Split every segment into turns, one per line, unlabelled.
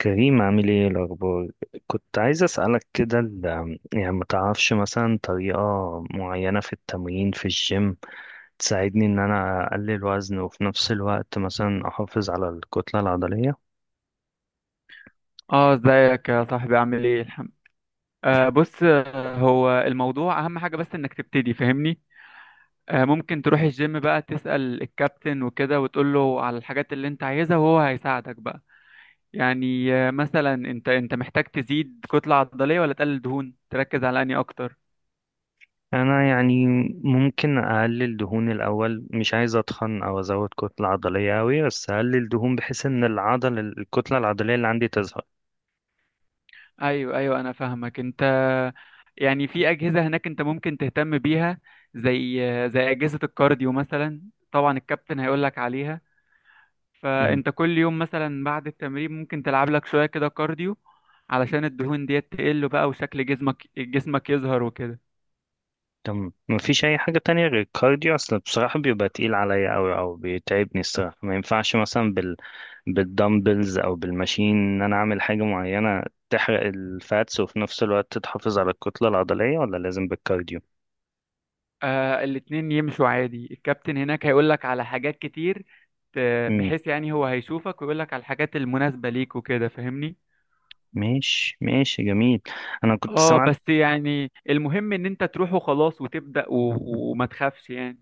كريم، عامل ايه الاخبار؟ كنت عايز اسالك كده يعني ما تعرفش مثلا طريقه معينه في التمرين في الجيم تساعدني ان انا اقلل وزن، وفي نفس الوقت مثلا احافظ على الكتله العضليه.
اه، ازيك يا صاحبي؟ عامل ايه؟ الحمد. بص، هو الموضوع اهم حاجة، بس انك تبتدي، فاهمني؟ آه، ممكن تروح الجيم بقى، تسأل الكابتن وكده وتقول له على الحاجات اللي انت عايزها، وهو هيساعدك بقى. يعني آه، مثلا انت محتاج تزيد كتلة عضلية ولا تقلل دهون؟ تركز على انهي اكتر؟
انا يعني ممكن اقلل دهون الاول، مش عايز اتخن او ازود كتله عضليه قوي، بس اقلل دهون بحيث ان العضل الكتله العضليه اللي عندي تظهر.
ايوه ايوه، انا فاهمك انت. يعني في اجهزة هناك انت ممكن تهتم بيها، زي اجهزة الكارديو مثلا. طبعا الكابتن هيقول لك عليها.
مم.
فانت كل يوم مثلا بعد التمرين ممكن تلعب لك شوية كده كارديو، علشان الدهون ديت تقل بقى، وشكل جسمك يظهر وكده.
تمام، مفيش اي حاجه تانية غير الكارديو؟ اصل بصراحه بيبقى تقيل عليا قوي او بيتعبني الصراحه، ما ينفعش مثلا بالدمبلز او بالماشين ان انا اعمل حاجه معينه تحرق الفاتس وفي نفس الوقت تحافظ على الكتله العضليه، ولا لازم بالكارديو؟
آه، الاتنين يمشوا عادي. الكابتن هناك هيقول لك على حاجات كتير،
امم
بحيث يعني هو هيشوفك ويقول لك على الحاجات المناسبة ليك وكده، فاهمني؟
ماشي ماشي، جميل. انا كنت
اه،
سمعت،
بس يعني المهم ان انت تروح وخلاص وتبدأ، وما تخافش يعني.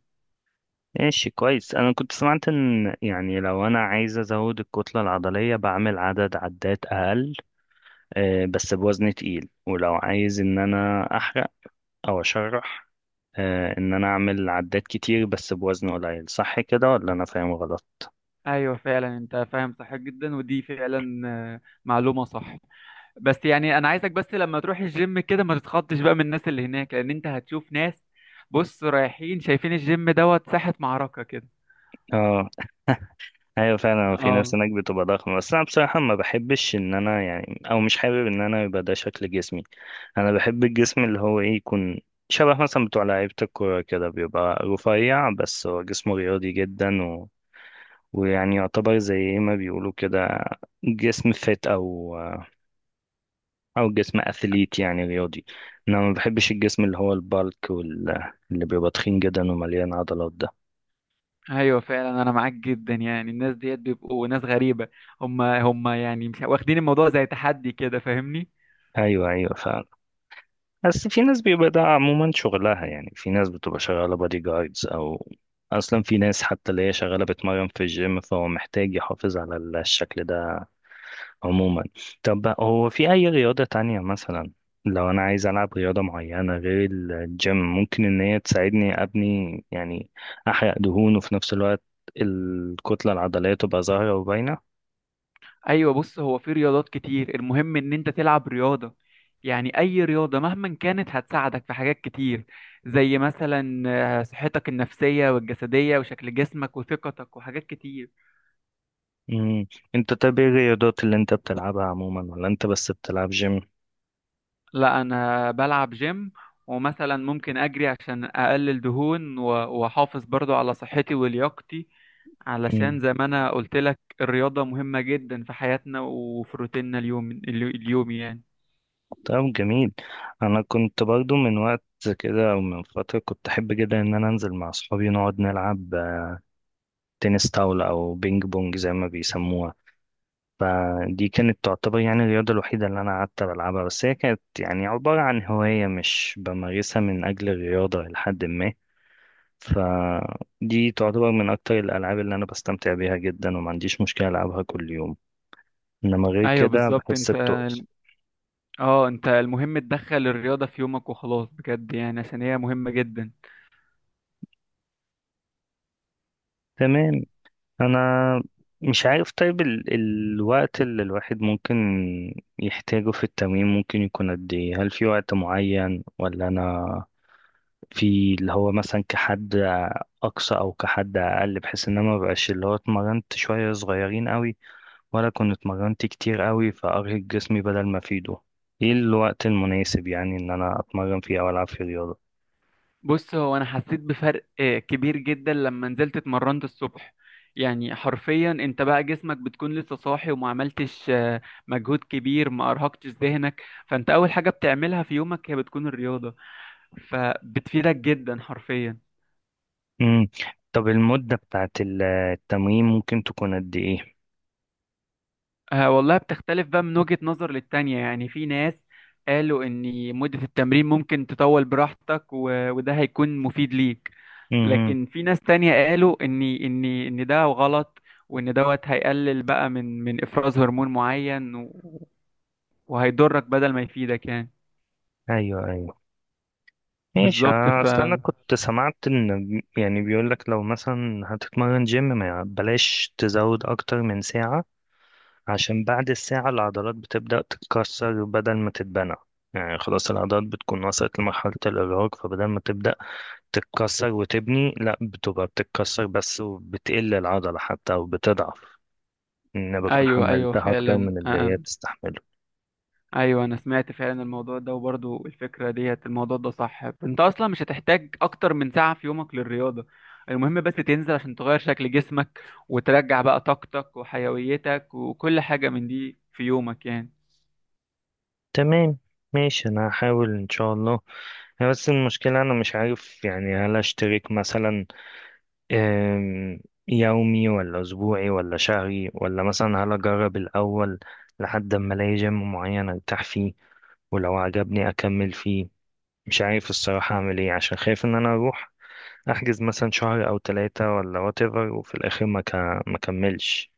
ماشي كويس، انا كنت سمعت ان يعني لو انا عايز ازود الكتله العضليه بعمل عدد عدات اقل بس بوزن تقيل، ولو عايز ان انا احرق او اشرح ان انا اعمل عدات كتير بس بوزن قليل، صح كده ولا انا فاهم غلط؟
ايوه فعلا، انت فاهم صح جدا، ودي فعلا معلومة صح. بس يعني انا عايزك، بس لما تروح الجيم كده، ما تتخضش بقى من الناس اللي هناك، لان انت هتشوف ناس بص رايحين شايفين الجيم دوت ساحة معركة كده.
اه، ايوه فعلا في ناس
اه،
هناك بتبقى ضخمه، بس انا بصراحه ما بحبش ان انا يعني، او مش حابب ان انا يبقى ده شكل جسمي. انا بحب الجسم اللي هو ايه، يكون شبه مثلا بتوع لعيبه الكوره كده، بيبقى رفيع بس هو جسمه رياضي جدا ويعني يعتبر زي إيه ما بيقولوا كده، جسم فت او او جسم اثليت يعني رياضي. انا ما بحبش الجسم اللي هو البالك اللي بيبقى تخين جدا ومليان عضلات ده.
ايوه فعلا، انا معاك جدا. يعني الناس ديت بيبقوا ناس غريبة. هم هم يعني مش واخدين الموضوع زي تحدي كده، فاهمني؟
ايوه ايوه فعلا. بس في ناس بيبقى ده عموما شغلها، يعني في ناس بتبقى شغالة بادي جاردز، أو أصلا في ناس حتى اللي هي شغالة بتمرن في الجيم، فهو محتاج يحافظ على الشكل ده عموما. طب هو في أي رياضة تانية مثلا لو أنا عايز ألعب رياضة معينة غير الجيم، ممكن إن هي تساعدني أبني يعني، أحرق دهون وفي نفس الوقت الكتلة العضلية تبقى ظاهرة وباينة؟
ايوه بص، هو في رياضات كتير، المهم ان انت تلعب رياضة. يعني اي رياضة مهما كانت هتساعدك في حاجات كتير، زي مثلا صحتك النفسية والجسدية وشكل جسمك وثقتك وحاجات كتير.
مم. أنت طب إيه الرياضات اللي أنت بتلعبها عموما، ولا أنت بس بتلعب جيم؟
لا، انا بلعب جيم، ومثلا ممكن اجري عشان اقلل دهون، واحافظ برضو على صحتي ولياقتي، علشان زي ما انا قلت لك، الرياضة مهمة جدا في حياتنا وفي روتيننا اليومي يعني.
طب جميل. انا كنت برضو من وقت كده او من فتره كنت احب جدا ان انا انزل مع اصحابي نقعد نلعب تنس طاوله او بينج بونج زي ما بيسموها. فدي كانت تعتبر يعني الرياضه الوحيده اللي انا قعدت بلعبها، بس هي كانت يعني عباره عن هوايه مش بمارسها من اجل الرياضه لحد ما. فدي تعتبر من اكتر الالعاب اللي انا بستمتع بيها جدا، وما عنديش مشكله العبها كل يوم، انما غير
ايوه
كده
بالظبط
بحس
انت.
بتقل.
اه، انت المهم تدخل الرياضة في يومك وخلاص، بجد يعني، عشان هي مهمة جدا.
تمام. انا مش عارف طيب الوقت اللي الواحد ممكن يحتاجه في التمرين ممكن يكون قد ايه؟ هل في وقت معين، ولا انا في اللي هو مثلا كحد اقصى او كحد اقل، بحيث ان انا ما بقاش اللي هو اتمرنت شوية صغيرين قوي ولا كنت اتمرنت كتير قوي فارهق جسمي بدل ما افيده؟ ايه الوقت المناسب يعني ان انا اتمرن فيه او العب فيه رياضة؟
بص، هو انا حسيت بفرق كبير جدا لما نزلت اتمرنت الصبح. يعني حرفيا انت بقى جسمك بتكون لسه صاحي، وما عملتش مجهود كبير، ما ارهقتش ذهنك، فانت اول حاجة بتعملها في يومك هي بتكون الرياضة، فبتفيدك جدا حرفيا.
امم طب المدة بتاعت التمرين ممكن تكون قد ايه؟
آه والله، بتختلف بقى من وجهة نظر للتانية. يعني في ناس قالوا ان مدة التمرين ممكن تطول براحتك، وده هيكون مفيد ليك.
امم
لكن في ناس تانية قالوا ان ده غلط، وان دوت هيقلل بقى من افراز هرمون معين، وهيضرك بدل ما يفيدك يعني.
ايوه ايوه ماشي.
بالظبط.
اصل انا كنت سمعت ان يعني بيقول لك لو مثلا هتتمرن جيم ما بلاش تزود اكتر من ساعة، عشان بعد الساعة العضلات بتبدأ تتكسر بدل ما تتبنى. يعني خلاص العضلات بتكون وصلت لمرحلة الإرهاق، فبدل ما تبدأ تتكسر وتبني لا، بتبقى بتتكسر بس وبتقل العضلة حتى وبتضعف، إن أنا بكون
ايوه ايوه
حملتها أكتر
فعلا
من اللي
آه.
هي بتستحمله.
ايوه، انا سمعت فعلا الموضوع ده، وبرضو الفكرة ديت، الموضوع ده صح. انت اصلا مش هتحتاج اكتر من ساعة في يومك للرياضة، المهم بس تنزل عشان تغير شكل جسمك، وترجع بقى طاقتك وحيويتك وكل حاجة من دي في يومك يعني.
تمام ماشي، انا هحاول ان شاء الله. هي بس المشكلة انا مش عارف يعني، هل اشترك مثلا آم، يومي ولا اسبوعي ولا شهري، ولا مثلا هل اجرب الاول لحد ما الاقي جيم معين ارتاح فيه، ولو عجبني اكمل فيه؟ مش عارف الصراحة اعمل ايه، عشان خايف ان انا اروح احجز مثلا شهر او ثلاثة ولا whatever، وفي الاخر ما كملش.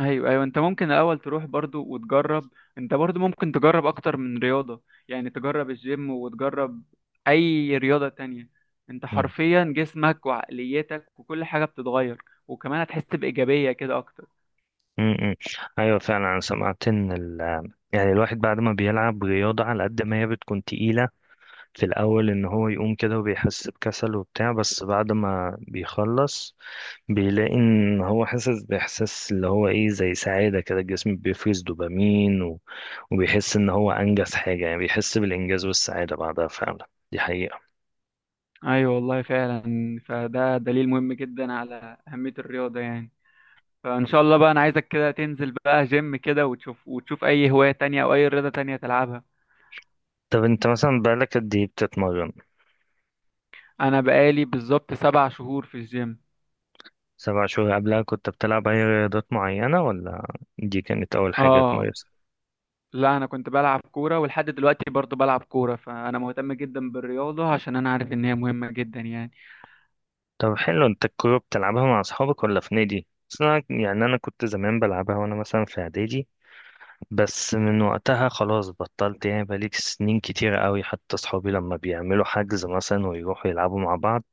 ايوه ايوه، انت ممكن الاول تروح برضو وتجرب. انت برضو ممكن تجرب اكتر من رياضه، يعني تجرب الجيم وتجرب اي رياضه تانية. انت حرفيا جسمك وعقليتك وكل حاجه بتتغير، وكمان هتحس بايجابيه كده اكتر.
امم ايوه فعلا انا سمعت ان ال، يعني الواحد بعد ما بيلعب رياضة على قد ما هي بتكون تقيلة في الأول إن هو يقوم كده وبيحس بكسل وبتاع، بس بعد ما بيخلص بيلاقي إن هو حاسس بإحساس اللي هو إيه، زي سعادة كده، الجسم بيفرز دوبامين وبيحس إن هو أنجز حاجة، يعني بيحس بالإنجاز والسعادة بعدها فعلا. دي حقيقة.
ايوه والله فعلا، فده دليل مهم جدا على اهميه الرياضه يعني. فان شاء الله بقى، انا عايزك كده تنزل بقى جيم كده وتشوف، وتشوف اي هوايه تانية او اي رياضه تانية تلعبها.
طب أنت مثلا بقالك قد إيه بتتمرن؟
انا بقالي بالظبط 7 شهور في الجيم.
7 شهور، قبلها كنت بتلعب أي رياضات معينة، ولا دي كانت أول حاجة؟
اه، لا انا كنت بلعب كوره، ولحد دلوقتي برضو بلعب كوره، فانا مهتم جدا بالرياضه عشان انا عارف ان هي مهمه جدا يعني.
طب حلو، انت الكورة بتلعبها مع اصحابك ولا في نادي؟ بس انا يعني انا كنت زمان بلعبها وانا مثلا في اعدادي، بس من وقتها خلاص بطلت، يعني بقالي سنين كتيرة قوي حتى اصحابي لما بيعملوا حجز مثلا ويروحوا يلعبوا مع بعض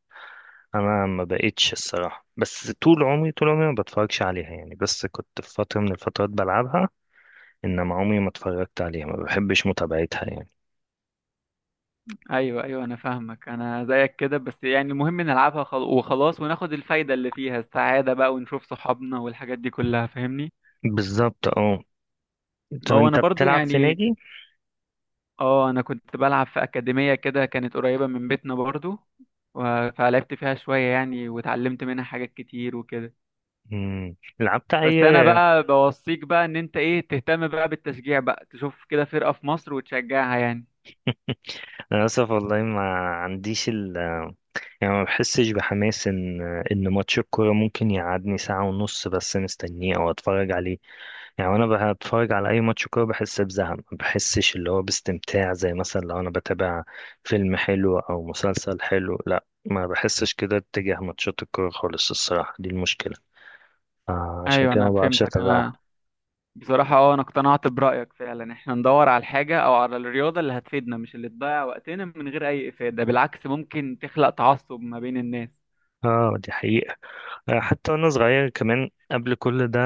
انا ما بقتش الصراحة. بس طول عمري طول عمري ما بتفرجش عليها يعني، بس كنت في فترة من الفترات بلعبها، انما عمري ما اتفرجت عليها، ما بحبش متابعتها يعني.
ايوه ايوه انا فاهمك، انا زيك كده. بس يعني المهم نلعبها وخلاص، وناخد الفايده اللي فيها، السعاده بقى، ونشوف صحابنا والحاجات دي كلها، فاهمني؟
بالظبط اه. طب
هو انا
انت
برضو
بتلعب في
يعني،
نادي؟
اه، انا كنت بلعب في اكاديميه كده كانت قريبه من بيتنا برضو، فلعبت فيها شويه يعني، واتعلمت منها حاجات كتير وكده.
مم. لعبت اي؟
بس انا بقى بوصيك بقى، ان انت ايه، تهتم بقى بالتشجيع بقى، تشوف كده فرقة في مصر وتشجعها يعني.
انا اسف والله، ما عنديش ال، يعني ما بحسش بحماس ان ماتش الكوره ممكن يقعدني ساعه ونص بس مستنيه او اتفرج عليه يعني، وانا بتفرج على اي ماتش كوره بحس بزهق، ما بحسش اللي هو باستمتاع زي مثلا لو انا بتابع فيلم حلو او مسلسل حلو، لا ما بحسش كده اتجاه ماتشات الكوره خالص الصراحه، دي المشكله. عشان
ايوه،
كده
انا
ما بعرفش
فهمتك انا.
اتابعها.
بصراحة انا اقتنعت برأيك فعلا، احنا ندور على الحاجة او على الرياضة اللي هتفيدنا، مش اللي تضيع وقتنا من غير اي افادة، بالعكس ممكن تخلق تعصب ما بين الناس.
اه دي حقيقة. حتى وانا صغير كمان قبل كل ده،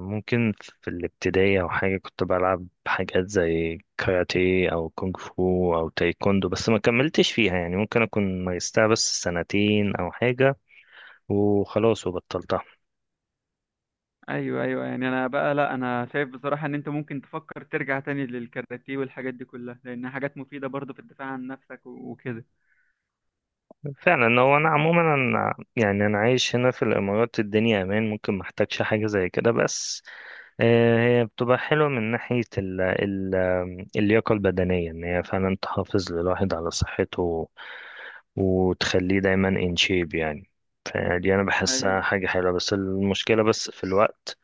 ممكن في الابتدائي او حاجه، كنت بلعب حاجات زي كاراتيه او كونغ فو او تايكوندو، بس ما كملتش فيها يعني، ممكن اكون مارستها بس 2 سنين او حاجه وخلاص وبطلتها.
ايوه ايوه، يعني انا بقى، لا انا شايف بصراحة ان انت ممكن تفكر ترجع تاني للكاراتيه والحاجات دي كلها، لانها حاجات مفيدة برضه في الدفاع عن نفسك وكده.
فعلا. هو انا عموما أنا يعني انا عايش هنا في الامارات، الدنيا امان ممكن ما احتاجش حاجه زي كده، بس هي بتبقى حلوه من ناحيه ال اللياقه البدنيه، ان هي فعلا تحافظ للواحد على صحته وتخليه دايما ان شيب يعني. فدي انا بحسها
ايوه
حاجه حلوه، بس المشكله بس في الوقت،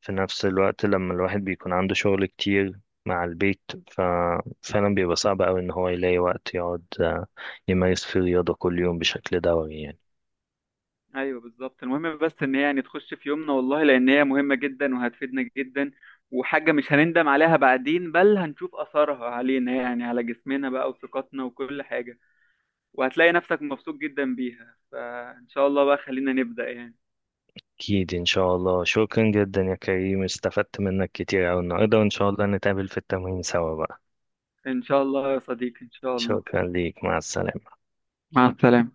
في نفس الوقت لما الواحد بيكون عنده شغل كتير مع البيت ففعلا بيبقى صعب أوي إن هو يلاقي وقت يقعد يمارس فيه رياضة كل يوم بشكل دوري يعني.
ايوه بالظبط، المهم بس ان هي يعني تخش في يومنا والله، لان هي مهمه جدا وهتفيدنا جدا، وحاجه مش هنندم عليها بعدين، بل هنشوف اثرها علينا يعني، على جسمنا بقى وثقتنا وكل حاجه، وهتلاقي نفسك مبسوط جدا بيها. فان شاء الله بقى، خلينا نبدا يعني.
أكيد إن شاء الله، شكرا جدا يا كريم، استفدت منك كتير أوي النهاردة، وإن شاء الله نتقابل في التمرين سوا بقى.
ان شاء الله يا صديقي، ان شاء الله.
شكرا ليك، مع السلامة.
مع السلامه.